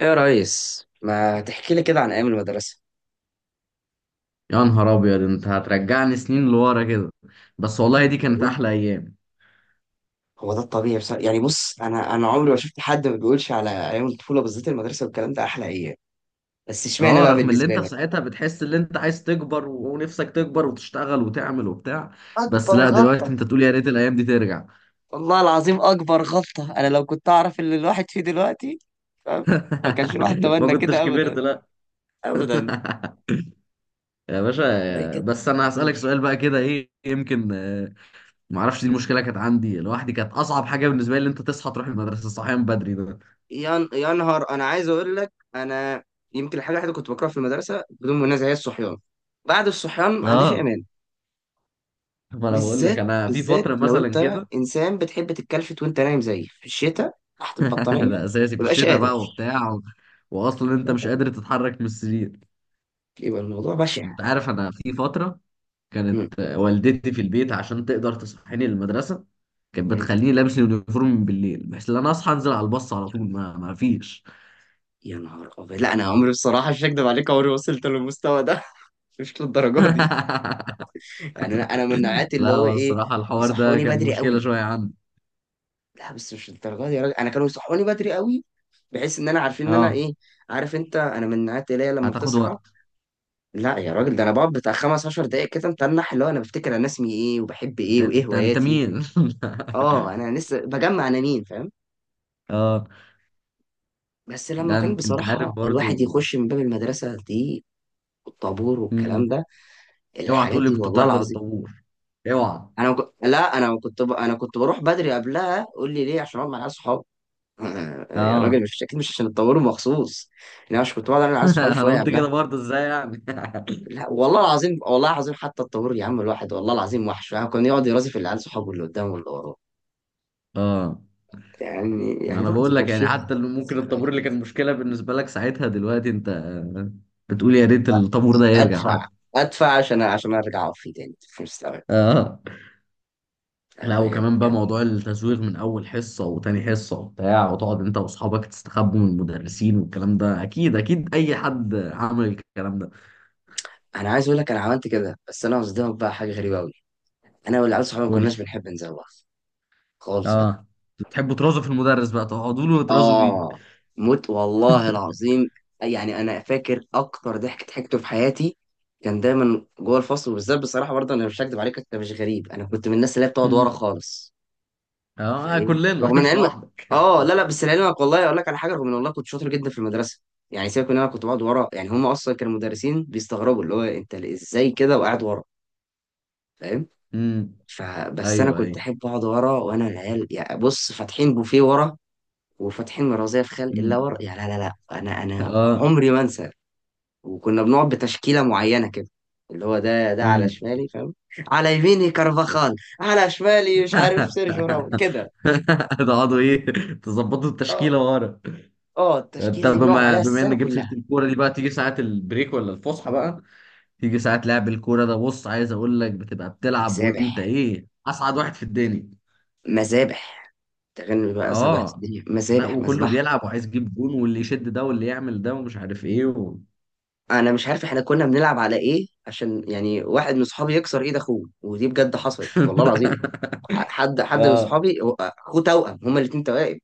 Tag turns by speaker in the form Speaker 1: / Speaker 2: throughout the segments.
Speaker 1: ايه يا ريس، ما تحكي لي كده عن ايام المدرسه.
Speaker 2: يا نهار ابيض، انت هترجعني سنين لورا كده. بس والله
Speaker 1: ايوه،
Speaker 2: دي
Speaker 1: كده
Speaker 2: كانت
Speaker 1: قول.
Speaker 2: احلى ايام.
Speaker 1: هو ده الطبيعي، بس يعني بص، انا عمري ما شفت حد ما بيقولش على ايام الطفوله، بالذات المدرسه والكلام ده، احلى ايام. بس اشمعنى
Speaker 2: اه،
Speaker 1: بقى
Speaker 2: رغم اللي
Speaker 1: بالنسبه
Speaker 2: انت في
Speaker 1: لك؟
Speaker 2: ساعتها بتحس ان انت عايز تكبر ونفسك تكبر وتشتغل وتعمل وبتاع. بس
Speaker 1: اكبر
Speaker 2: لا، دلوقتي
Speaker 1: غلطه.
Speaker 2: انت تقول يا ريت الايام دي ترجع.
Speaker 1: والله العظيم اكبر غلطه، انا لو كنت اعرف اللي الواحد فيه دلوقتي. فاهم؟ ما كانش الواحد
Speaker 2: ما
Speaker 1: تمنى
Speaker 2: كنتش
Speaker 1: كده
Speaker 2: كبرت
Speaker 1: ابدا،
Speaker 2: لا.
Speaker 1: ابدا.
Speaker 2: يا
Speaker 1: زي
Speaker 2: باشا،
Speaker 1: كده.
Speaker 2: بس انا هسألك سؤال بقى كده، ايه يمكن ما اعرفش. دي المشكله كانت عندي لوحدي، كانت اصعب حاجه بالنسبه لي ان انت تصحى تروح المدرسه صحيان بدري ده.
Speaker 1: يا نهار انا عايز اقول لك انا يمكن الحاجه الوحيده كنت بكرهها في المدرسه بدون منازع هي الصحيان. بعد الصحيان ما عنديش
Speaker 2: اه،
Speaker 1: ايمان.
Speaker 2: ما انا بقول لك
Speaker 1: بالذات،
Speaker 2: انا في
Speaker 1: بالذات
Speaker 2: فتره
Speaker 1: لو
Speaker 2: مثلا
Speaker 1: انت
Speaker 2: كده.
Speaker 1: انسان بتحب تتكلفت وانت نايم زيي في الشتاء، تحت البطانيه،
Speaker 2: ده اساسي في
Speaker 1: مبقاش
Speaker 2: الشتاء
Speaker 1: قادر.
Speaker 2: بقى، وبتاع واصلا انت مش قادر تتحرك من السرير.
Speaker 1: يبقى الموضوع بشع.
Speaker 2: انت عارف، انا في فتره
Speaker 1: مم.
Speaker 2: كانت والدتي في البيت عشان تقدر تصحيني للمدرسه، كانت
Speaker 1: مم.
Speaker 2: بتخليني لابس اليونيفورم من بالليل بحيث ان انا اصحى انزل على الباص على طول، ما فيش.
Speaker 1: يا نهار ابيض، لا انا عمري بصراحه مش هكدب عليك، عمري ما وصلت للمستوى ده. مش للدرجه دي. يعني انا من نوعية
Speaker 2: لا،
Speaker 1: اللي هو
Speaker 2: هو
Speaker 1: ايه،
Speaker 2: الصراحه الحوار ده
Speaker 1: يصحوني
Speaker 2: كان
Speaker 1: بدري
Speaker 2: مشكله
Speaker 1: قوي.
Speaker 2: شويه عندي.
Speaker 1: لا بس مش للدرجه دي يا راجل، انا كانوا يصحوني بدري قوي، بحيث ان انا عارفين ان انا
Speaker 2: اه،
Speaker 1: ايه. عارف انت، انا من نوعية اللي هي لما
Speaker 2: هتاخد
Speaker 1: بتصحى،
Speaker 2: وقت.
Speaker 1: لا يا راجل، ده انا بقعد بتاع 15 دقايق كده متنح، اللي هو انا بفتكر انا اسمي ايه وبحب
Speaker 2: انت
Speaker 1: ايه وايه
Speaker 2: انت, انت
Speaker 1: هواياتي.
Speaker 2: مين؟
Speaker 1: اه، انا لسه بجمع انا مين، فاهم.
Speaker 2: اه
Speaker 1: بس لما
Speaker 2: لا،
Speaker 1: كان
Speaker 2: انت عارف
Speaker 1: بصراحة الواحد
Speaker 2: برضو.
Speaker 1: يخش من باب المدرسة دي، والطابور والكلام
Speaker 2: مم.
Speaker 1: ده،
Speaker 2: اوعى
Speaker 1: الحاجات
Speaker 2: تقول لي
Speaker 1: دي
Speaker 2: كنت
Speaker 1: والله
Speaker 2: بتحضر
Speaker 1: العظيم.
Speaker 2: الطابور، اوعى.
Speaker 1: انا وك... لا انا كنت ب... انا كنت بروح بدري قبلها. قول لي ليه؟ عشان اقعد مع العيال صحابي. يا راجل،
Speaker 2: اه.
Speaker 1: مش اكيد مش عشان الطابور مخصوص، انا مش كنت بقعد انا العيال صحابي
Speaker 2: انا
Speaker 1: شويه
Speaker 2: قلت كده
Speaker 1: قبلها.
Speaker 2: برضه، ازاي يعني؟
Speaker 1: لا والله العظيم والله العظيم، حتى الطابور يا عم الواحد والله العظيم وحش يعني، كان يقعد يرازي في العيال صحابه اللي قدامه واللي وراه.
Speaker 2: اه،
Speaker 1: يعني
Speaker 2: ما انا
Speaker 1: برضه
Speaker 2: بقول
Speaker 1: كان
Speaker 2: لك يعني،
Speaker 1: فيها
Speaker 2: حتى اللي ممكن الطابور
Speaker 1: ذكريات.
Speaker 2: اللي كان مشكله بالنسبه لك ساعتها، دلوقتي انت بتقول يا ريت الطابور ده يرجع
Speaker 1: ادفع،
Speaker 2: حتى.
Speaker 1: ادفع عشان ارجع اطفي تاني في مستوى.
Speaker 2: اه لا،
Speaker 1: بجد
Speaker 2: وكمان بقى
Speaker 1: يعني،
Speaker 2: موضوع التزويغ من اول حصه وتاني حصه وبتاع، وتقعد انت واصحابك تستخبوا من المدرسين والكلام ده. اكيد اكيد اي حد عمل الكلام ده.
Speaker 1: انا عايز اقول لك انا عملت كده، بس انا قصدي بقى حاجه غريبه قوي، انا والعيال صحابي ما
Speaker 2: قول لي.
Speaker 1: كناش بنحب نزوغ خالص بقى.
Speaker 2: اه، بتحبوا ترازوا في المدرس بقى، تقعدوا له وترازوا فيه.
Speaker 1: اه، موت والله العظيم. يعني انا فاكر اكتر ضحك ضحكته في حياتي كان دايما جوه الفصل، وبالذات بصراحه برضه انا مش هكدب عليك، انت مش غريب، انا كنت من الناس اللي هي بتقعد ورا خالص.
Speaker 2: اه
Speaker 1: فايه
Speaker 2: كلنا.
Speaker 1: رغم ان
Speaker 2: مش
Speaker 1: علمك
Speaker 2: لوحدك.
Speaker 1: اه، لا لا، بس لعلمك والله اقول لك على حاجه، رغم ان والله كنت شاطر جدا في المدرسه، يعني سيبك ان انا كنت بقعد ورا، يعني هم اصلا كانوا مدرسين بيستغربوا اللي هو انت ازاي كده وقاعد ورا، فاهم.
Speaker 2: امم.
Speaker 1: فبس انا
Speaker 2: ايوه
Speaker 1: كنت
Speaker 2: ايوه.
Speaker 1: احب اقعد ورا، وانا العيال يعني بص فاتحين بوفيه ورا، وفاتحين مرازيه في خلق
Speaker 2: مم.
Speaker 1: الله ورا، يعني لا لا لا انا
Speaker 2: اه.
Speaker 1: عمري ما انسى. وكنا بنقعد بتشكيله معينه كده، اللي هو ده على
Speaker 2: امم.
Speaker 1: شمالي، فاهم. على يميني كارفاخال، على شمالي مش عارف سيرجيو راموس كده.
Speaker 2: تقعدوا ايه؟ تظبطوا
Speaker 1: آه.
Speaker 2: التشكيله ورا؟
Speaker 1: اه،
Speaker 2: انت،
Speaker 1: التشكيله دي بنقعد
Speaker 2: بما
Speaker 1: عليها
Speaker 2: بما
Speaker 1: السنه
Speaker 2: ان جبت سيره
Speaker 1: كلها.
Speaker 2: الكوره دي بقى، تيجي ساعه البريك ولا الفسحه بقى، تيجي ساعه لعب الكوره ده، بص عايز اقول لك، بتبقى بتلعب
Speaker 1: مذابح،
Speaker 2: وانت ايه، اسعد واحد في الدنيا.
Speaker 1: مذابح. تغني بقى، سبهت
Speaker 2: اه
Speaker 1: الدنيا
Speaker 2: لا،
Speaker 1: مذابح
Speaker 2: وكله
Speaker 1: مذبحه.
Speaker 2: بيلعب وعايز يجيب جون، واللي يشد ده واللي يعمل ده ومش عارف ايه
Speaker 1: انا مش عارف احنا كنا بنلعب على ايه عشان يعني واحد من صحابي يكسر ايد اخوه، ودي بجد حصلت والله العظيم. حد من
Speaker 2: اه.
Speaker 1: صحابي، اخوه توأم، هما الاتنين توائم،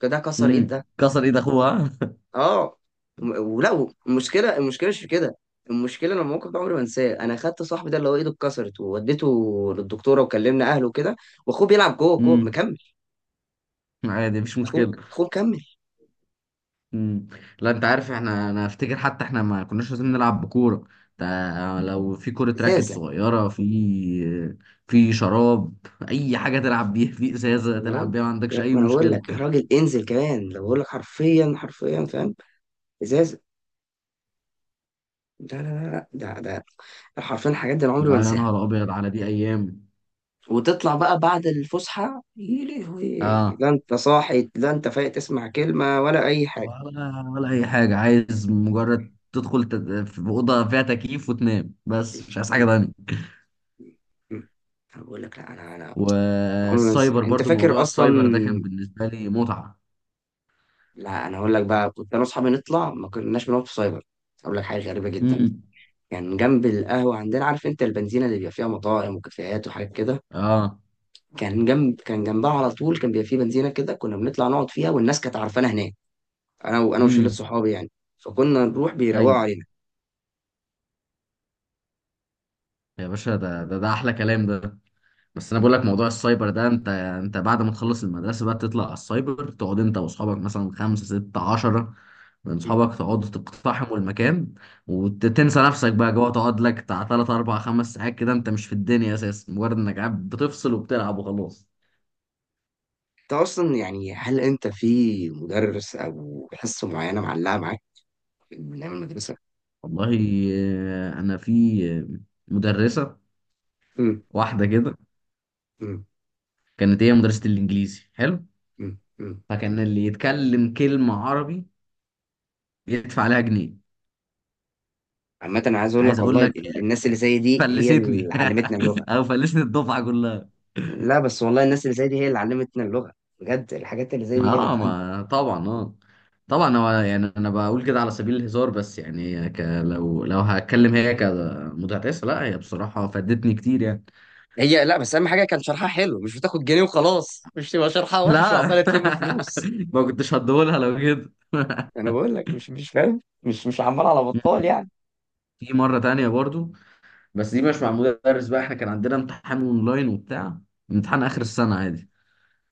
Speaker 1: فده كسر ايد
Speaker 2: امم.
Speaker 1: ده.
Speaker 2: كسر ايد اخوها.
Speaker 1: اه. ولا المشكله، المشكله مش في كده، المشكله لما الموقف ده عمري ما انساه، انا خدت صاحبي ده اللي هو ايده اتكسرت ووديته للدكتوره، وكلمنا اهله وكده، واخوه بيلعب جوه، جوه
Speaker 2: امم.
Speaker 1: مكمل.
Speaker 2: عادي، مفيش
Speaker 1: اخوه،
Speaker 2: مشكله.
Speaker 1: اخوه مكمل.
Speaker 2: مم. لا انت عارف، احنا انا افتكر حتى احنا ما كناش لازم نلعب بكوره. لو في كوره راكت
Speaker 1: ازازه.
Speaker 2: صغيره، في شراب، اي حاجه تلعب بيها، في ازازه
Speaker 1: يا
Speaker 2: تلعب
Speaker 1: راجل،
Speaker 2: بيها، ما عندكش اي
Speaker 1: ما انا بقول
Speaker 2: مشكله.
Speaker 1: لك يا راجل، انزل كمان لو بقول لك حرفيا، حرفيا فاهم. ازاز. لا لا لا لا، ده ده حرفيا، الحاجات دي انا عمري
Speaker 2: لا
Speaker 1: ما
Speaker 2: يا
Speaker 1: انساها.
Speaker 2: نهار ابيض، على دي ايام!
Speaker 1: وتطلع بقى بعد الفسحه يا لهوي،
Speaker 2: اه،
Speaker 1: لا انت صاحي، لا انت فايق تسمع كلمه ولا اي حاجه.
Speaker 2: ولا اي حاجه، عايز مجرد تدخل في اوضه فيها تكييف وتنام، بس مش عايز حاجه
Speaker 1: م-
Speaker 2: تانيه.
Speaker 1: م- م. انا بقول لك، لا انا عمري ما انسى،
Speaker 2: والسايبر
Speaker 1: انت
Speaker 2: برضو، موضوع
Speaker 1: فاكر اصلا.
Speaker 2: السايبر ده كان بالنسبه لي متعه.
Speaker 1: لا انا اقول لك بقى، كنت انا واصحابي نطلع، ما كناش بنقعد في سايبر. اقول لك حاجه غريبه جدا.
Speaker 2: امم.
Speaker 1: كان يعني جنب القهوه عندنا، عارف انت البنزينه اللي بيبقى فيها مطاعم وكافيهات وحاجات كده،
Speaker 2: اه.
Speaker 1: كان جنب، كان جنبها على طول كان بيبقى فيه بنزينه كده، كنا بنطلع نقعد فيها والناس كانت عارفانا هناك، انا وشله
Speaker 2: امم.
Speaker 1: صحابي يعني، فكنا نروح بيروقوا علينا.
Speaker 2: يا باشا، ده احلى كلام ده. بس انا بقول لك، موضوع السايبر ده، انت بعد ما تخلص المدرسه بقى، تطلع على السايبر، تقعد انت واصحابك مثلا خمسة ستة عشرة من
Speaker 1: مم.
Speaker 2: صحابك، تقعدوا تقتحموا المكان، وتنسى نفسك بقى جوه، تقعد لك بتاع تلات أربع خمس ساعات كده، انت مش في الدنيا اساسا، مجرد انك قاعد بتفصل وبتلعب وخلاص.
Speaker 1: انت اصلا يعني هل انت في مدرس او حصه معينه معلقه معاك من ايام المدرسه؟
Speaker 2: والله انا في آه، مدرسه
Speaker 1: امم.
Speaker 2: واحده كده
Speaker 1: امم.
Speaker 2: كانت، هي مدرسه الانجليزي حلو،
Speaker 1: امم. امم.
Speaker 2: فكان اللي يتكلم كلمه عربي يدفع عليها جنيه.
Speaker 1: عامة أنا عايز أقول
Speaker 2: عايز
Speaker 1: لك
Speaker 2: اقول
Speaker 1: والله
Speaker 2: لك،
Speaker 1: الناس اللي زي دي هي
Speaker 2: فلستني.
Speaker 1: اللي علمتنا اللغة.
Speaker 2: او فلست الدفعه كلها.
Speaker 1: لا بس والله الناس اللي زي دي هي اللي علمتنا اللغة، بجد الحاجات اللي زي
Speaker 2: ما
Speaker 1: دي هي اللي
Speaker 2: اه،
Speaker 1: بتعلم.
Speaker 2: ما طبعا، اه طبعا. هو يعني انا بقول كده على سبيل الهزار، بس يعني لو هتكلم هي كمتعتسه، لا، هي بصراحه فادتني كتير يعني.
Speaker 1: هي لا، بس أهم حاجة كان شرحها حلو، مش بتاخد جنيه وخلاص، مش تبقى شرحها وحش
Speaker 2: لا.
Speaker 1: وعمالة تلم فلوس.
Speaker 2: ما كنتش هديهولها لو كده.
Speaker 1: انا بقول لك، مش فاهم، مش عمال على بطال يعني.
Speaker 2: في مرة تانية برضو، بس دي مش مع مدرس بقى. احنا كان عندنا امتحان اونلاين وبتاع، امتحان اخر
Speaker 1: م-
Speaker 2: السنة عادي.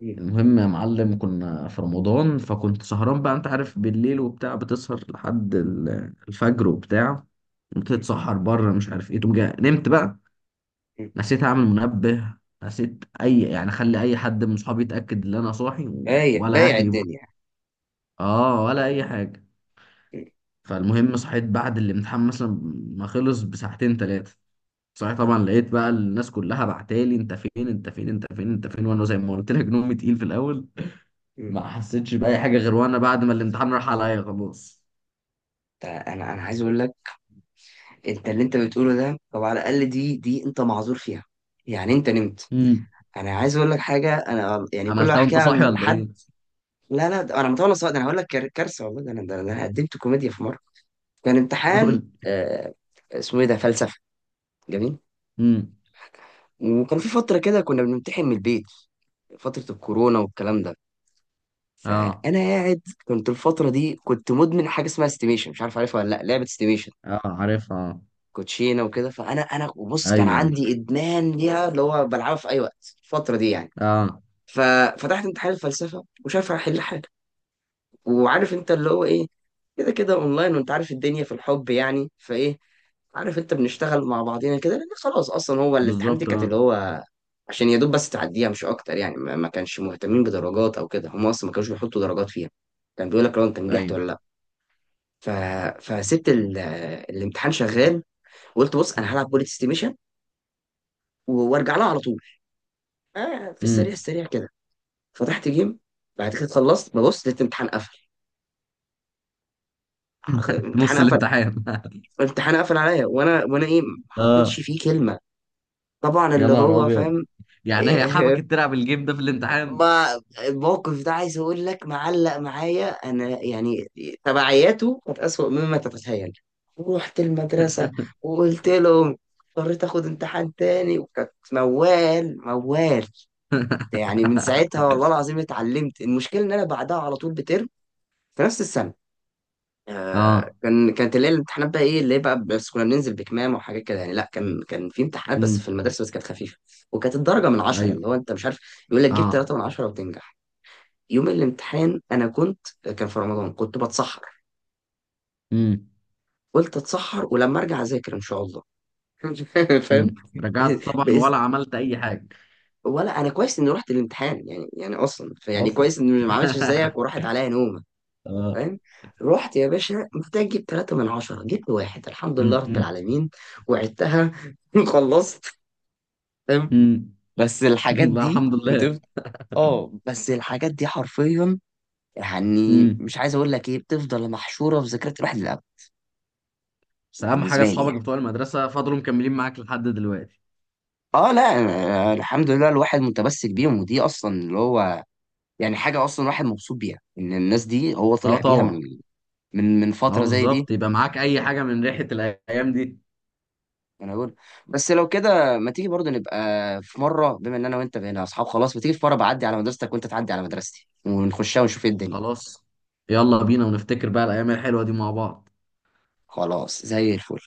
Speaker 1: م-
Speaker 2: المهم يا معلم، كنا في رمضان فكنت سهران بقى، انت عارف، بالليل وبتاع، بتسهر لحد الفجر وبتاع،
Speaker 1: م-
Speaker 2: بتتسحر بره مش عارف ايه، تقوم جاي نمت بقى.
Speaker 1: م.
Speaker 2: نسيت اعمل منبه، نسيت اي يعني اخلي اي حد من صحابي يتاكد ان انا صاحي
Speaker 1: بايع،
Speaker 2: ولا
Speaker 1: بايع
Speaker 2: اهلي برضه.
Speaker 1: الدنيا.
Speaker 2: اه، ولا اي حاجه.
Speaker 1: م-
Speaker 2: فالمهم صحيت بعد الامتحان مثلا ما خلص بساعتين ثلاثه. صحيت طبعا، لقيت بقى الناس كلها بعتالي انت فين انت فين انت فين انت فين. وانا زي ما قلت لك، نومي تقيل في الاول،
Speaker 1: م.
Speaker 2: ما حسيتش بأي حاجة، غير وأنا بعد ما الامتحان راح عليا خلاص.
Speaker 1: ده انا، انا عايز اقول لك. انت اللي انت بتقوله ده طب على الاقل دي انت معذور فيها، يعني انت نمت.
Speaker 2: امم.
Speaker 1: انا عايز اقول لك حاجه، انا يعني كل ما
Speaker 2: عملتها وأنت
Speaker 1: احكيها
Speaker 2: صاحي ولا
Speaker 1: لحد.
Speaker 2: إيه؟
Speaker 1: لا لا، ده انا مطول صوت، انا هقول لك كارثه والله. ده انا، ده انا قدمت كوميديا في مره. كان امتحان،
Speaker 2: قول.
Speaker 1: آه، اسمه ايه ده، فلسفه. جميل.
Speaker 2: امم.
Speaker 1: وكان في فتره كده كنا بنمتحن من البيت، فتره الكورونا والكلام ده.
Speaker 2: أه.
Speaker 1: فانا قاعد كنت الفتره دي كنت مدمن حاجه اسمها استيميشن، مش عارف عارفها ولا لا، لعبه استيميشن،
Speaker 2: أه عارفها أه.
Speaker 1: كوتشينه وكده. فانا بص، كان
Speaker 2: أيوه أيوه.
Speaker 1: عندي ادمان ليها، اللي هو بلعبها في اي وقت الفتره دي يعني.
Speaker 2: أه
Speaker 1: ففتحت امتحان الفلسفه وشايف هحل، وعارف انت اللي هو ايه، كده كده اونلاين، وانت عارف الدنيا في الحب يعني فايه، عارف انت بنشتغل مع بعضينا كده، لان خلاص اصلا هو الامتحان دي
Speaker 2: بالظبط
Speaker 1: كانت اللي
Speaker 2: أه.
Speaker 1: هو عشان يا دوب بس تعديها مش اكتر يعني، ما كانش مهتمين بدرجات او كده، هم اصلا ما كانوش بيحطوا درجات فيها، كان بيقول لك لو انت نجحت
Speaker 2: أيوه.
Speaker 1: ولا لا. ف... فسبت ال... الامتحان شغال، وقلت بص انا هلعب بوليت ستيميشن وارجع لها على طول، آه في السريع،
Speaker 2: امم.
Speaker 1: السريع كده، فتحت جيم. بعد كده خلصت ببص لقيت الامتحان قفل. آه،
Speaker 2: في
Speaker 1: امتحان
Speaker 2: نص
Speaker 1: قفل.
Speaker 2: الامتحان.
Speaker 1: فالامتحان قفل عليا، وانا ايه، ما حطيتش
Speaker 2: أه.
Speaker 1: فيه كلمه، طبعا
Speaker 2: يا
Speaker 1: اللي
Speaker 2: نهار
Speaker 1: هو
Speaker 2: أبيض!
Speaker 1: فاهم.
Speaker 2: يعني هي حبكت تلعب الجيم ده في الامتحان؟
Speaker 1: ما الموقف ده عايز اقول لك معلق معايا انا يعني، تبعياته كانت اسوأ مما تتخيل. رحت المدرسه وقلت لهم، اضطريت اخد امتحان تاني، وكانت موال موال يعني. من ساعتها والله العظيم اتعلمت. المشكله ان انا بعدها على طول بترم في نفس السنه، آه،
Speaker 2: أه.
Speaker 1: كانت اللي هي الامتحانات بقى ايه اللي هي بقى، بس كنا بننزل بكمام وحاجات كده يعني، لا كان في امتحانات بس في
Speaker 2: امم.
Speaker 1: المدرسه، بس كانت خفيفه. وكانت الدرجه من 10،
Speaker 2: أيوه
Speaker 1: اللي هو انت مش عارف، يقول لك جيب
Speaker 2: أه.
Speaker 1: 3 من 10 وتنجح. يوم الامتحان انا كنت، كان في رمضان كنت بتسحر،
Speaker 2: امم.
Speaker 1: قلت اتسحر ولما ارجع اذاكر ان شاء الله. فاهم.
Speaker 2: امم. رجعت
Speaker 1: ب-
Speaker 2: طبعا
Speaker 1: بإذن
Speaker 2: ولا عملت أي حاجة.
Speaker 1: ولا انا كويس اني رحت الامتحان يعني، يعني اصلا يعني
Speaker 2: أصلا.
Speaker 1: كويس اني ما عملتش زيك وراحت عليا نوم.
Speaker 2: اه.
Speaker 1: فاهم. رحت يا باشا محتاج اجيب 3 من 10، جبت واحد، الحمد لله رب العالمين، وعدتها. خلصت. فاهم.
Speaker 2: امم.
Speaker 1: بس الحاجات
Speaker 2: لا
Speaker 1: دي
Speaker 2: الحمد لله.
Speaker 1: بتفضل. اه، بس الحاجات دي حرفيا، يعني
Speaker 2: امم.
Speaker 1: مش عايز اقول لك ايه، بتفضل محشورة في ذاكرة الواحد للأبد.
Speaker 2: بس اهم حاجه،
Speaker 1: بالنسبة لي
Speaker 2: اصحابك
Speaker 1: يعني،
Speaker 2: بتوع المدرسه فضلوا مكملين معاك لحد دلوقتي.
Speaker 1: اه لا، أنا الحمد لله الواحد متمسك بيهم، ودي اصلا اللي هو يعني حاجة اصلا الواحد مبسوط بيها، ان الناس دي هو
Speaker 2: اه
Speaker 1: طلع بيها
Speaker 2: طبعا.
Speaker 1: من، من
Speaker 2: اه
Speaker 1: فترة زي دي.
Speaker 2: بالظبط. يبقى معاك اي حاجه من ريحه الايام دي.
Speaker 1: انا اقول، بس لو كده ما تيجي برضه نبقى في مره، بما ان انا وانت بقينا اصحاب خلاص، ما تيجي في مره بعدي على مدرستك وانت تعدي على مدرستي، ونخشها ونشوف ايه الدنيا.
Speaker 2: خلاص. يلا بينا ونفتكر بقى الايام الحلوه دي مع بعض.
Speaker 1: خلاص زي الفل.